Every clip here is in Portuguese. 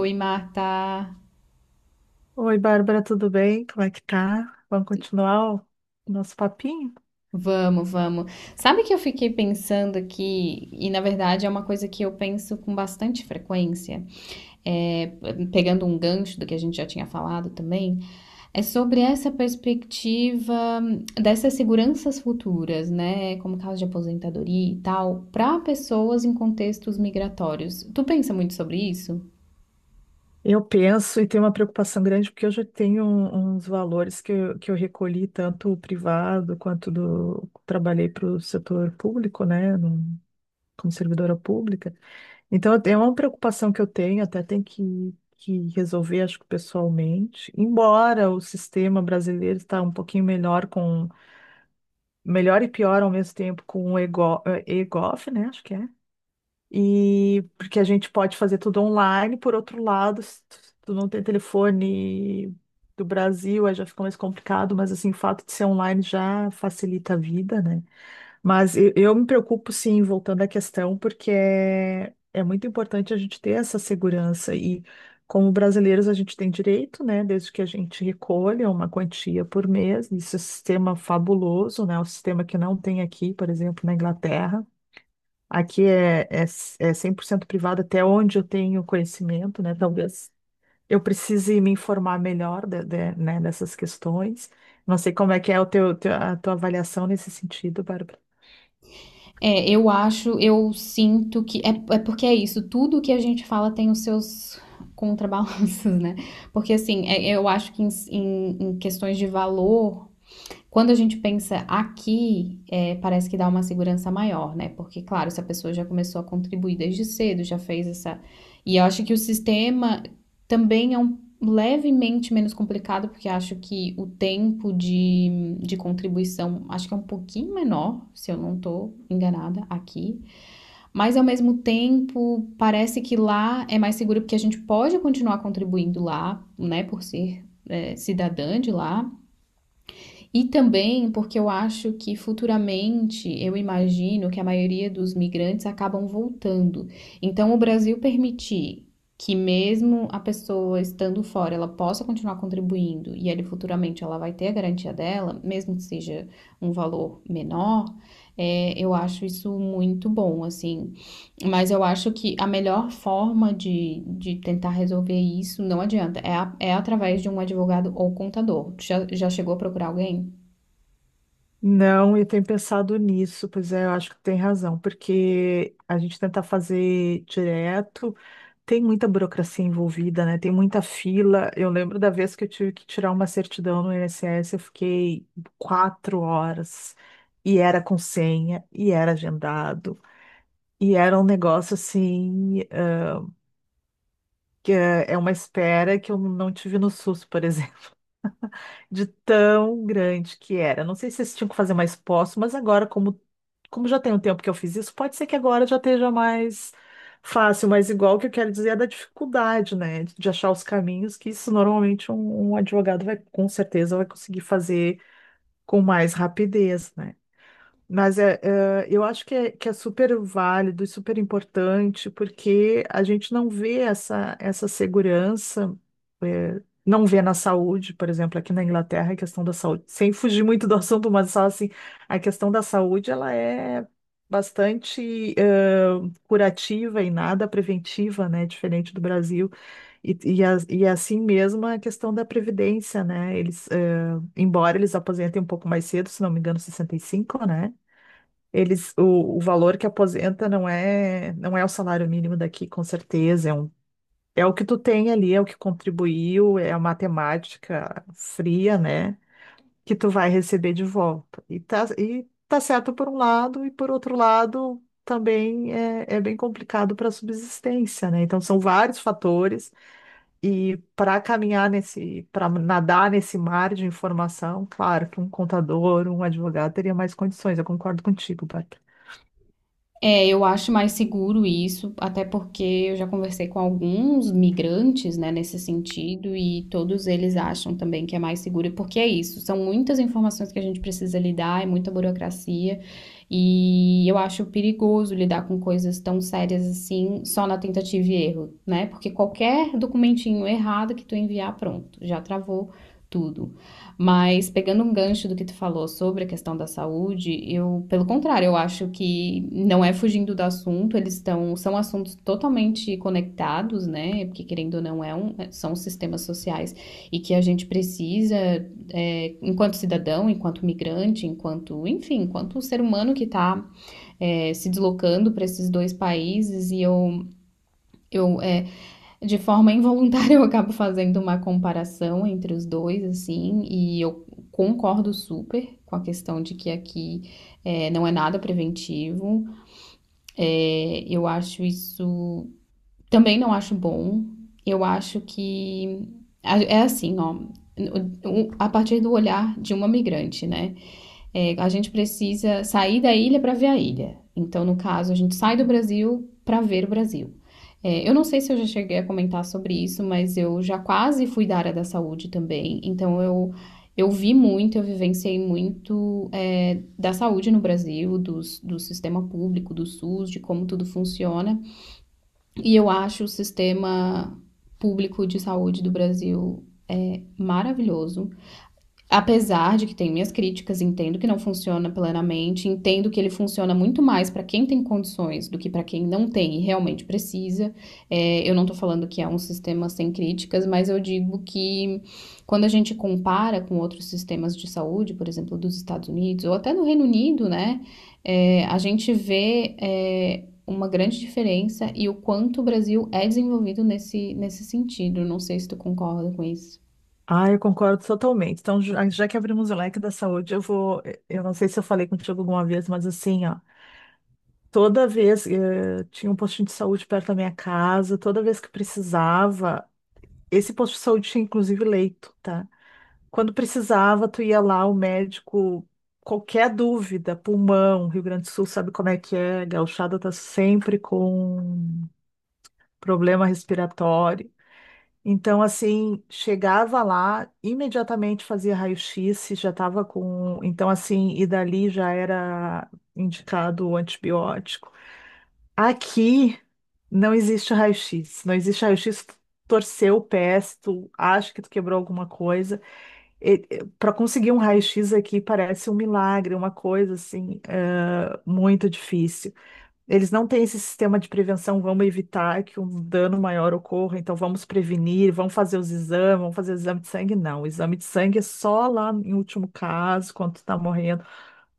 Oi, Marta. Oi, Bárbara, tudo bem? Como é que tá? Vamos continuar o nosso papinho? Vamos, vamos. Sabe que eu fiquei pensando aqui, e na verdade é uma coisa que eu penso com bastante frequência, é, pegando um gancho do que a gente já tinha falado também, é sobre essa perspectiva dessas seguranças futuras, né? Como caso de aposentadoria e tal, para pessoas em contextos migratórios. Tu pensa muito sobre isso? Eu penso e tenho uma preocupação grande porque eu já tenho uns valores que eu recolhi tanto o privado quanto do trabalhei para o setor público, né, como servidora pública. Então eu é uma preocupação que eu tenho, até tem que resolver, acho que pessoalmente. Embora o sistema brasileiro está um pouquinho melhor com melhor e pior ao mesmo tempo com o EGO, EGOF, né, acho que é. E porque a gente pode fazer tudo online, por outro lado, se tu não tem telefone do Brasil, aí já fica mais complicado, mas assim, o fato de ser online já facilita a vida, né? Mas eu me preocupo, sim, voltando à questão, porque é muito importante a gente ter essa segurança e como brasileiros a gente tem direito, né, desde que a gente recolha uma quantia por mês, isso é um sistema fabuloso, né, o sistema que não tem aqui, por exemplo, na Inglaterra. Aqui é 100% privado, até onde eu tenho conhecimento, né? Talvez eu precise me informar melhor né, dessas questões. Não sei como é que é o a tua avaliação nesse sentido, Bárbara. É, eu acho, eu sinto que. É, é porque é isso, tudo que a gente fala tem os seus contrabalanços, né? Porque, assim, eu acho que em questões de valor, quando a gente pensa aqui, parece que dá uma segurança maior, né? Porque, claro, se a pessoa já começou a contribuir desde cedo, já fez essa. E eu acho que o sistema também é um levemente menos complicado, porque acho que o tempo de contribuição acho que é um pouquinho menor, se eu não estou enganada aqui. Mas ao mesmo tempo, parece que lá é mais seguro porque a gente pode continuar contribuindo lá, né? Por ser cidadã de lá. E também porque eu acho que futuramente eu imagino que a maioria dos migrantes acabam voltando. Então, o Brasil permitir que mesmo a pessoa estando fora, ela possa continuar contribuindo e ele futuramente ela vai ter a garantia dela, mesmo que seja um valor menor, é, eu acho isso muito bom, assim. Mas eu acho que a melhor forma de tentar resolver isso, não adianta, é através de um advogado ou contador. Já, já chegou a procurar alguém? Não, eu tenho pensado nisso, pois é, eu acho que tem razão, porque a gente tenta fazer direto. Tem muita burocracia envolvida, né? Tem muita fila. Eu lembro da vez que eu tive que tirar uma certidão no INSS, eu fiquei 4 horas e era com senha e era agendado e era um negócio assim, que é uma espera que eu não tive no SUS, por exemplo, de tão grande que era. Não sei se vocês tinham que fazer mais poço, mas agora, como já tem um tempo que eu fiz isso, pode ser que agora já esteja mais fácil, mas igual o que eu quero dizer é da dificuldade, né? De achar os caminhos, que isso normalmente um advogado vai, com certeza, vai conseguir fazer com mais rapidez, né? Mas eu acho que que é super válido e super importante, porque a gente não vê essa segurança, não vê na saúde, por exemplo, aqui na Inglaterra, a questão da saúde, sem fugir muito do assunto, mas só assim, a questão da saúde, ela é bastante curativa e nada preventiva, né, diferente do Brasil, e é assim mesmo a questão da previdência, né, eles, embora eles aposentem um pouco mais cedo, se não me engano, 65, né, o valor que aposenta não é, não é o salário mínimo daqui, com certeza. É um, é o que tu tem ali, é o que contribuiu, é a matemática fria, né? Que tu vai receber de volta. E tá certo por um lado, e por outro lado, também é bem complicado para a subsistência, né? Então são vários fatores, e para caminhar nesse, para nadar nesse mar de informação, claro que um contador, um advogado teria mais condições. Eu concordo contigo, Bárbara. É, eu acho mais seguro isso, até porque eu já conversei com alguns migrantes, né, nesse sentido, e todos eles acham também que é mais seguro, porque é isso, são muitas informações que a gente precisa lidar, é muita burocracia, e eu acho perigoso lidar com coisas tão sérias assim, só na tentativa e erro, né? Porque qualquer documentinho errado que tu enviar, pronto, já travou tudo. Mas pegando um gancho do que tu falou sobre a questão da saúde, eu, pelo contrário, eu acho que não é fugindo do assunto, eles estão, são assuntos totalmente conectados, né? Porque querendo ou não, são sistemas sociais e que a gente precisa, é, enquanto cidadão, enquanto migrante, enquanto, enfim, enquanto ser humano que está, se deslocando para esses dois países, eu é, de forma involuntária, eu acabo fazendo uma comparação entre os dois, assim, e eu concordo super com a questão de que aqui não é nada preventivo. Eu acho isso. Também não acho bom. Eu acho que. É assim, ó. A partir do olhar de uma migrante, né? É, a gente precisa sair da ilha para ver a ilha. Então, no caso, a gente sai do Brasil para ver o Brasil. É, eu não sei se eu já cheguei a comentar sobre isso, mas eu já quase fui da área da saúde também. Então, eu vi muito, eu vivenciei muito da saúde no Brasil, do sistema público, do SUS, de como tudo funciona. E eu acho o sistema público de saúde do Brasil maravilhoso. Apesar de que tem minhas críticas, entendo que não funciona plenamente, entendo que ele funciona muito mais para quem tem condições do que para quem não tem e realmente precisa. É, eu não tô falando que é um sistema sem críticas, mas eu digo que quando a gente compara com outros sistemas de saúde, por exemplo, dos Estados Unidos ou até no Reino Unido, né, é, a gente vê, é, uma grande diferença e o quanto o Brasil é desenvolvido nesse sentido. Não sei se tu concorda com isso. Ah, eu concordo totalmente. Então, já que abrimos o leque da saúde, eu vou. Eu não sei se eu falei contigo alguma vez, mas assim, ó, toda vez tinha um postinho de saúde perto da minha casa, toda vez que precisava, esse posto de saúde tinha inclusive leito, tá? Quando precisava, tu ia lá, o médico, qualquer dúvida, pulmão, Rio Grande do Sul sabe como é que é, gauchada tá sempre com problema respiratório. Então, assim, chegava lá, imediatamente fazia raio-x, se já estava com. Então, assim, e dali já era indicado o antibiótico. Aqui não existe raio-x, não existe raio-x. Tu Torceu o pé, se tu acha que tu quebrou alguma coisa. Para conseguir um raio-x aqui parece um milagre, uma coisa assim, muito difícil. Eles não têm esse sistema de prevenção, vamos evitar que um dano maior ocorra, então vamos prevenir, vamos fazer os exames, vamos fazer o exame de sangue. Não, o exame de sangue é só lá em último caso, quando tu tá morrendo.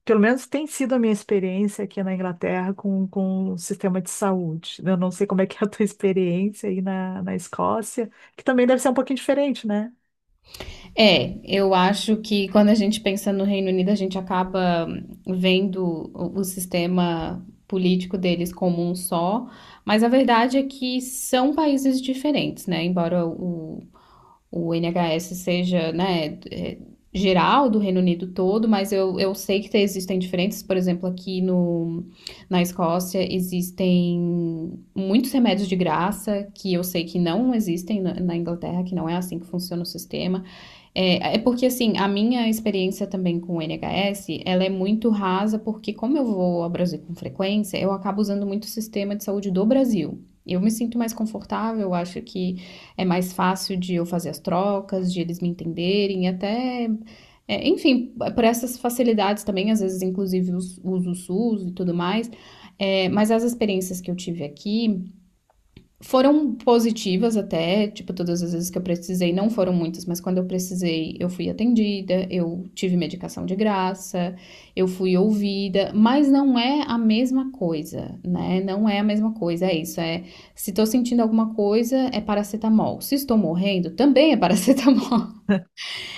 Pelo menos tem sido a minha experiência aqui na Inglaterra com o sistema de saúde. Eu não sei como é que é a tua experiência aí na Escócia, que também deve ser um pouquinho diferente, né? É, eu acho que quando a gente pensa no Reino Unido, a gente acaba vendo o sistema político deles como um só, mas a verdade é que são países diferentes, né? Embora o NHS seja, né, é, geral do Reino Unido todo, mas eu sei que existem diferenças, por exemplo, aqui no, na Escócia existem muitos remédios de graça que eu sei que não existem na Inglaterra, que não é assim que funciona o sistema. É, é porque, assim, a minha experiência também com o NHS, ela é muito rasa, porque como eu vou ao Brasil com frequência, eu acabo usando muito o sistema de saúde do Brasil. Eu me sinto mais confortável, eu acho que é mais fácil de eu fazer as trocas, de eles me entenderem, até, é, enfim, por essas facilidades também, às vezes, inclusive, uso o SUS e tudo mais. É, mas as experiências que eu tive aqui, foram positivas até, tipo, todas as vezes que eu precisei, não foram muitas, mas quando eu precisei, eu fui atendida, eu tive medicação de graça, eu fui ouvida, mas não é a mesma coisa, né? Não é a mesma coisa, é isso, é se tô sentindo alguma coisa, é paracetamol. Se estou morrendo, também é paracetamol.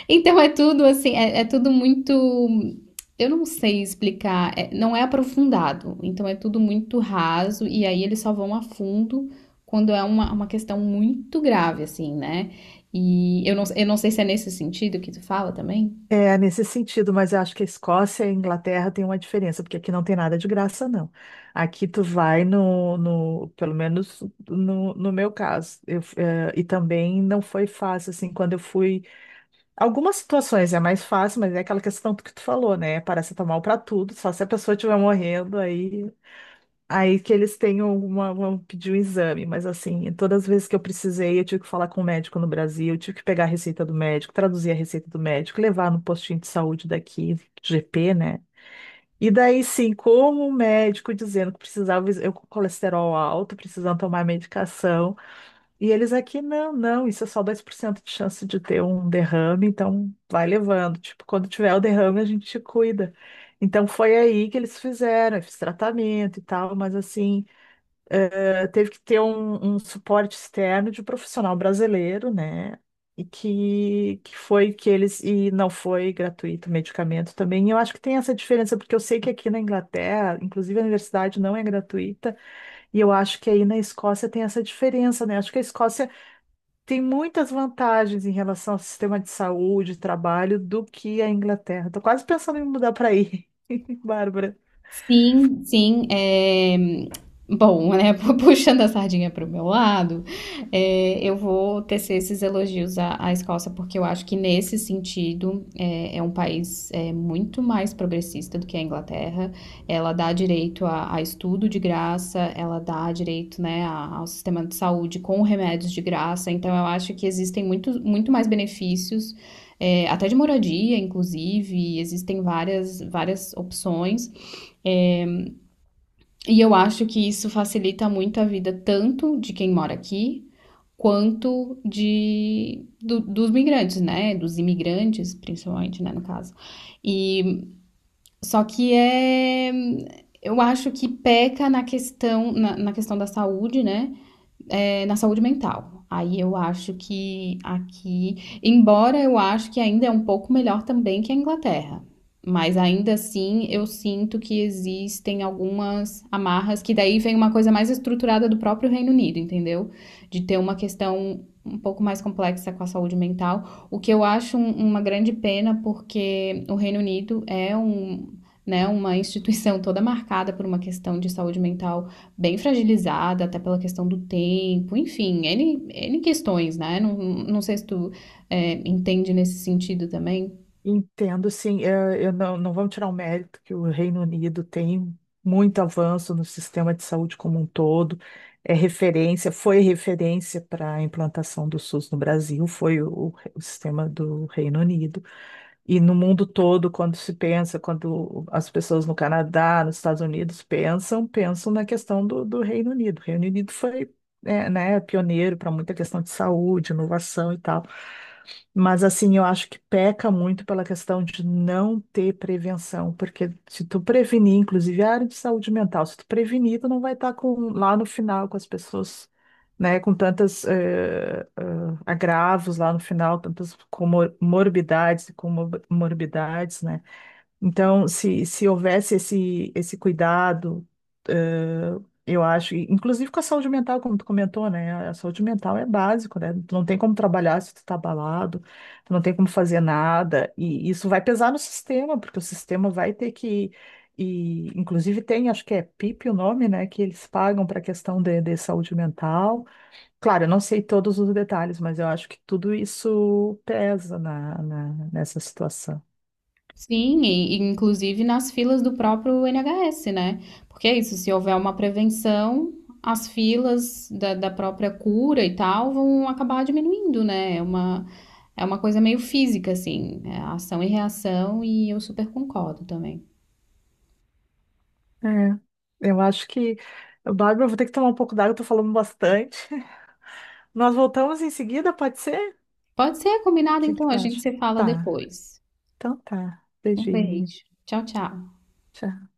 Então é tudo assim, é tudo muito. Eu não sei explicar, não é aprofundado, então é tudo muito raso, e aí eles só vão a fundo quando é uma questão muito grave, assim, né? E eu não sei se é nesse sentido que tu fala também. É, nesse sentido, mas eu acho que a Escócia e a Inglaterra têm uma diferença, porque aqui não tem nada de graça, não. Aqui tu vai pelo menos no meu caso, eu, e também não foi fácil, assim, quando eu fui, algumas situações é mais fácil, mas é aquela questão que tu falou, né, paracetamol pra tudo, só se a pessoa estiver morrendo, aí que eles tenham uma, vão pedir um exame, mas assim, todas as vezes que eu precisei, eu tive que falar com o médico no Brasil, eu tive que pegar a receita do médico, traduzir a receita do médico, levar no postinho de saúde daqui, GP, né? E daí sim, como o médico dizendo que precisava, eu com colesterol alto, precisando tomar medicação, e eles aqui, não, isso é só 2% de chance de ter um derrame, então vai levando. Tipo, quando tiver o derrame, a gente te cuida. Então foi aí que eles fizeram, eu fiz tratamento e tal, mas assim, teve que ter um suporte externo de um profissional brasileiro, né? E que foi que eles, e não foi gratuito o medicamento também. E eu acho que tem essa diferença, porque eu sei que aqui na Inglaterra, inclusive a universidade não é gratuita, e eu acho que aí na Escócia tem essa diferença, né? Acho que a Escócia tem muitas vantagens em relação ao sistema de saúde, trabalho, do que a Inglaterra. Tô quase pensando em mudar para aí, Bárbara. Sim, sim, bom, né, puxando a sardinha para o meu lado, eu vou tecer esses elogios à Escócia, porque eu acho que nesse sentido, é um país, muito mais progressista do que a Inglaterra. Ela dá direito a estudo de graça, ela dá direito, né, a ao sistema de saúde com remédios de graça, então eu acho que existem muito mais benefícios, até de moradia inclusive, existem várias opções. E eu acho que isso facilita muito a vida tanto de quem mora aqui, quanto de dos migrantes, né? Dos imigrantes, principalmente, né, no caso. E só que é eu acho que peca na na questão da saúde, né? é, na saúde mental. Aí eu acho que aqui, embora eu acho que ainda é um pouco melhor também que a Inglaterra, mas ainda assim eu sinto que existem algumas amarras que daí vem uma coisa mais estruturada do próprio Reino Unido, entendeu? De ter uma questão um pouco mais complexa com a saúde mental, o que eu acho uma grande pena porque o Reino Unido é um, né, uma instituição toda marcada por uma questão de saúde mental bem fragilizada, até pela questão do tempo, enfim, N questões, né? Não sei se tu entende nesse sentido também. Entendo, sim. Eu não, não vamos tirar o mérito que o Reino Unido tem muito avanço no sistema de saúde como um todo. É referência, foi referência para a implantação do SUS no Brasil, foi o sistema do Reino Unido. E no mundo todo, quando se pensa, quando as pessoas no Canadá, nos Estados Unidos pensam, pensam na questão do, do Reino Unido. O Reino Unido foi, né, pioneiro para muita questão de saúde, inovação e tal. Mas assim, eu acho que peca muito pela questão de não ter prevenção, porque se tu prevenir, inclusive a área de saúde mental, se tu prevenir, tu não vai estar com, lá no final com as pessoas, né, com tantas agravos lá no final, tantas morbidades e comorbidades, né? Então, se houvesse esse cuidado, eh, eu acho, e inclusive com a saúde mental, como tu comentou, né? A saúde mental é básico, né? Tu não tem como trabalhar se tu tá abalado, tu não tem como fazer nada, e isso vai pesar no sistema, porque o sistema vai ter que, e inclusive tem, acho que é PIP o nome, né? Que eles pagam para a questão de saúde mental. Claro, eu não sei todos os detalhes, mas eu acho que tudo isso pesa nessa situação. Sim, e inclusive nas filas do próprio NHS, né? Porque é isso, se houver uma prevenção, as filas da própria cura e tal vão acabar diminuindo, né? É uma coisa meio física, assim, é ação e reação, e eu super concordo também. É, eu acho que, Bárbara, eu vou ter que tomar um pouco d'água, eu tô falando bastante. Nós voltamos em seguida, pode ser? Pode ser O combinado, que que então, tu a gente acha? se fala Tá, depois. então tá. Um Beijinho. beijo. Tchau, tchau. Tchau.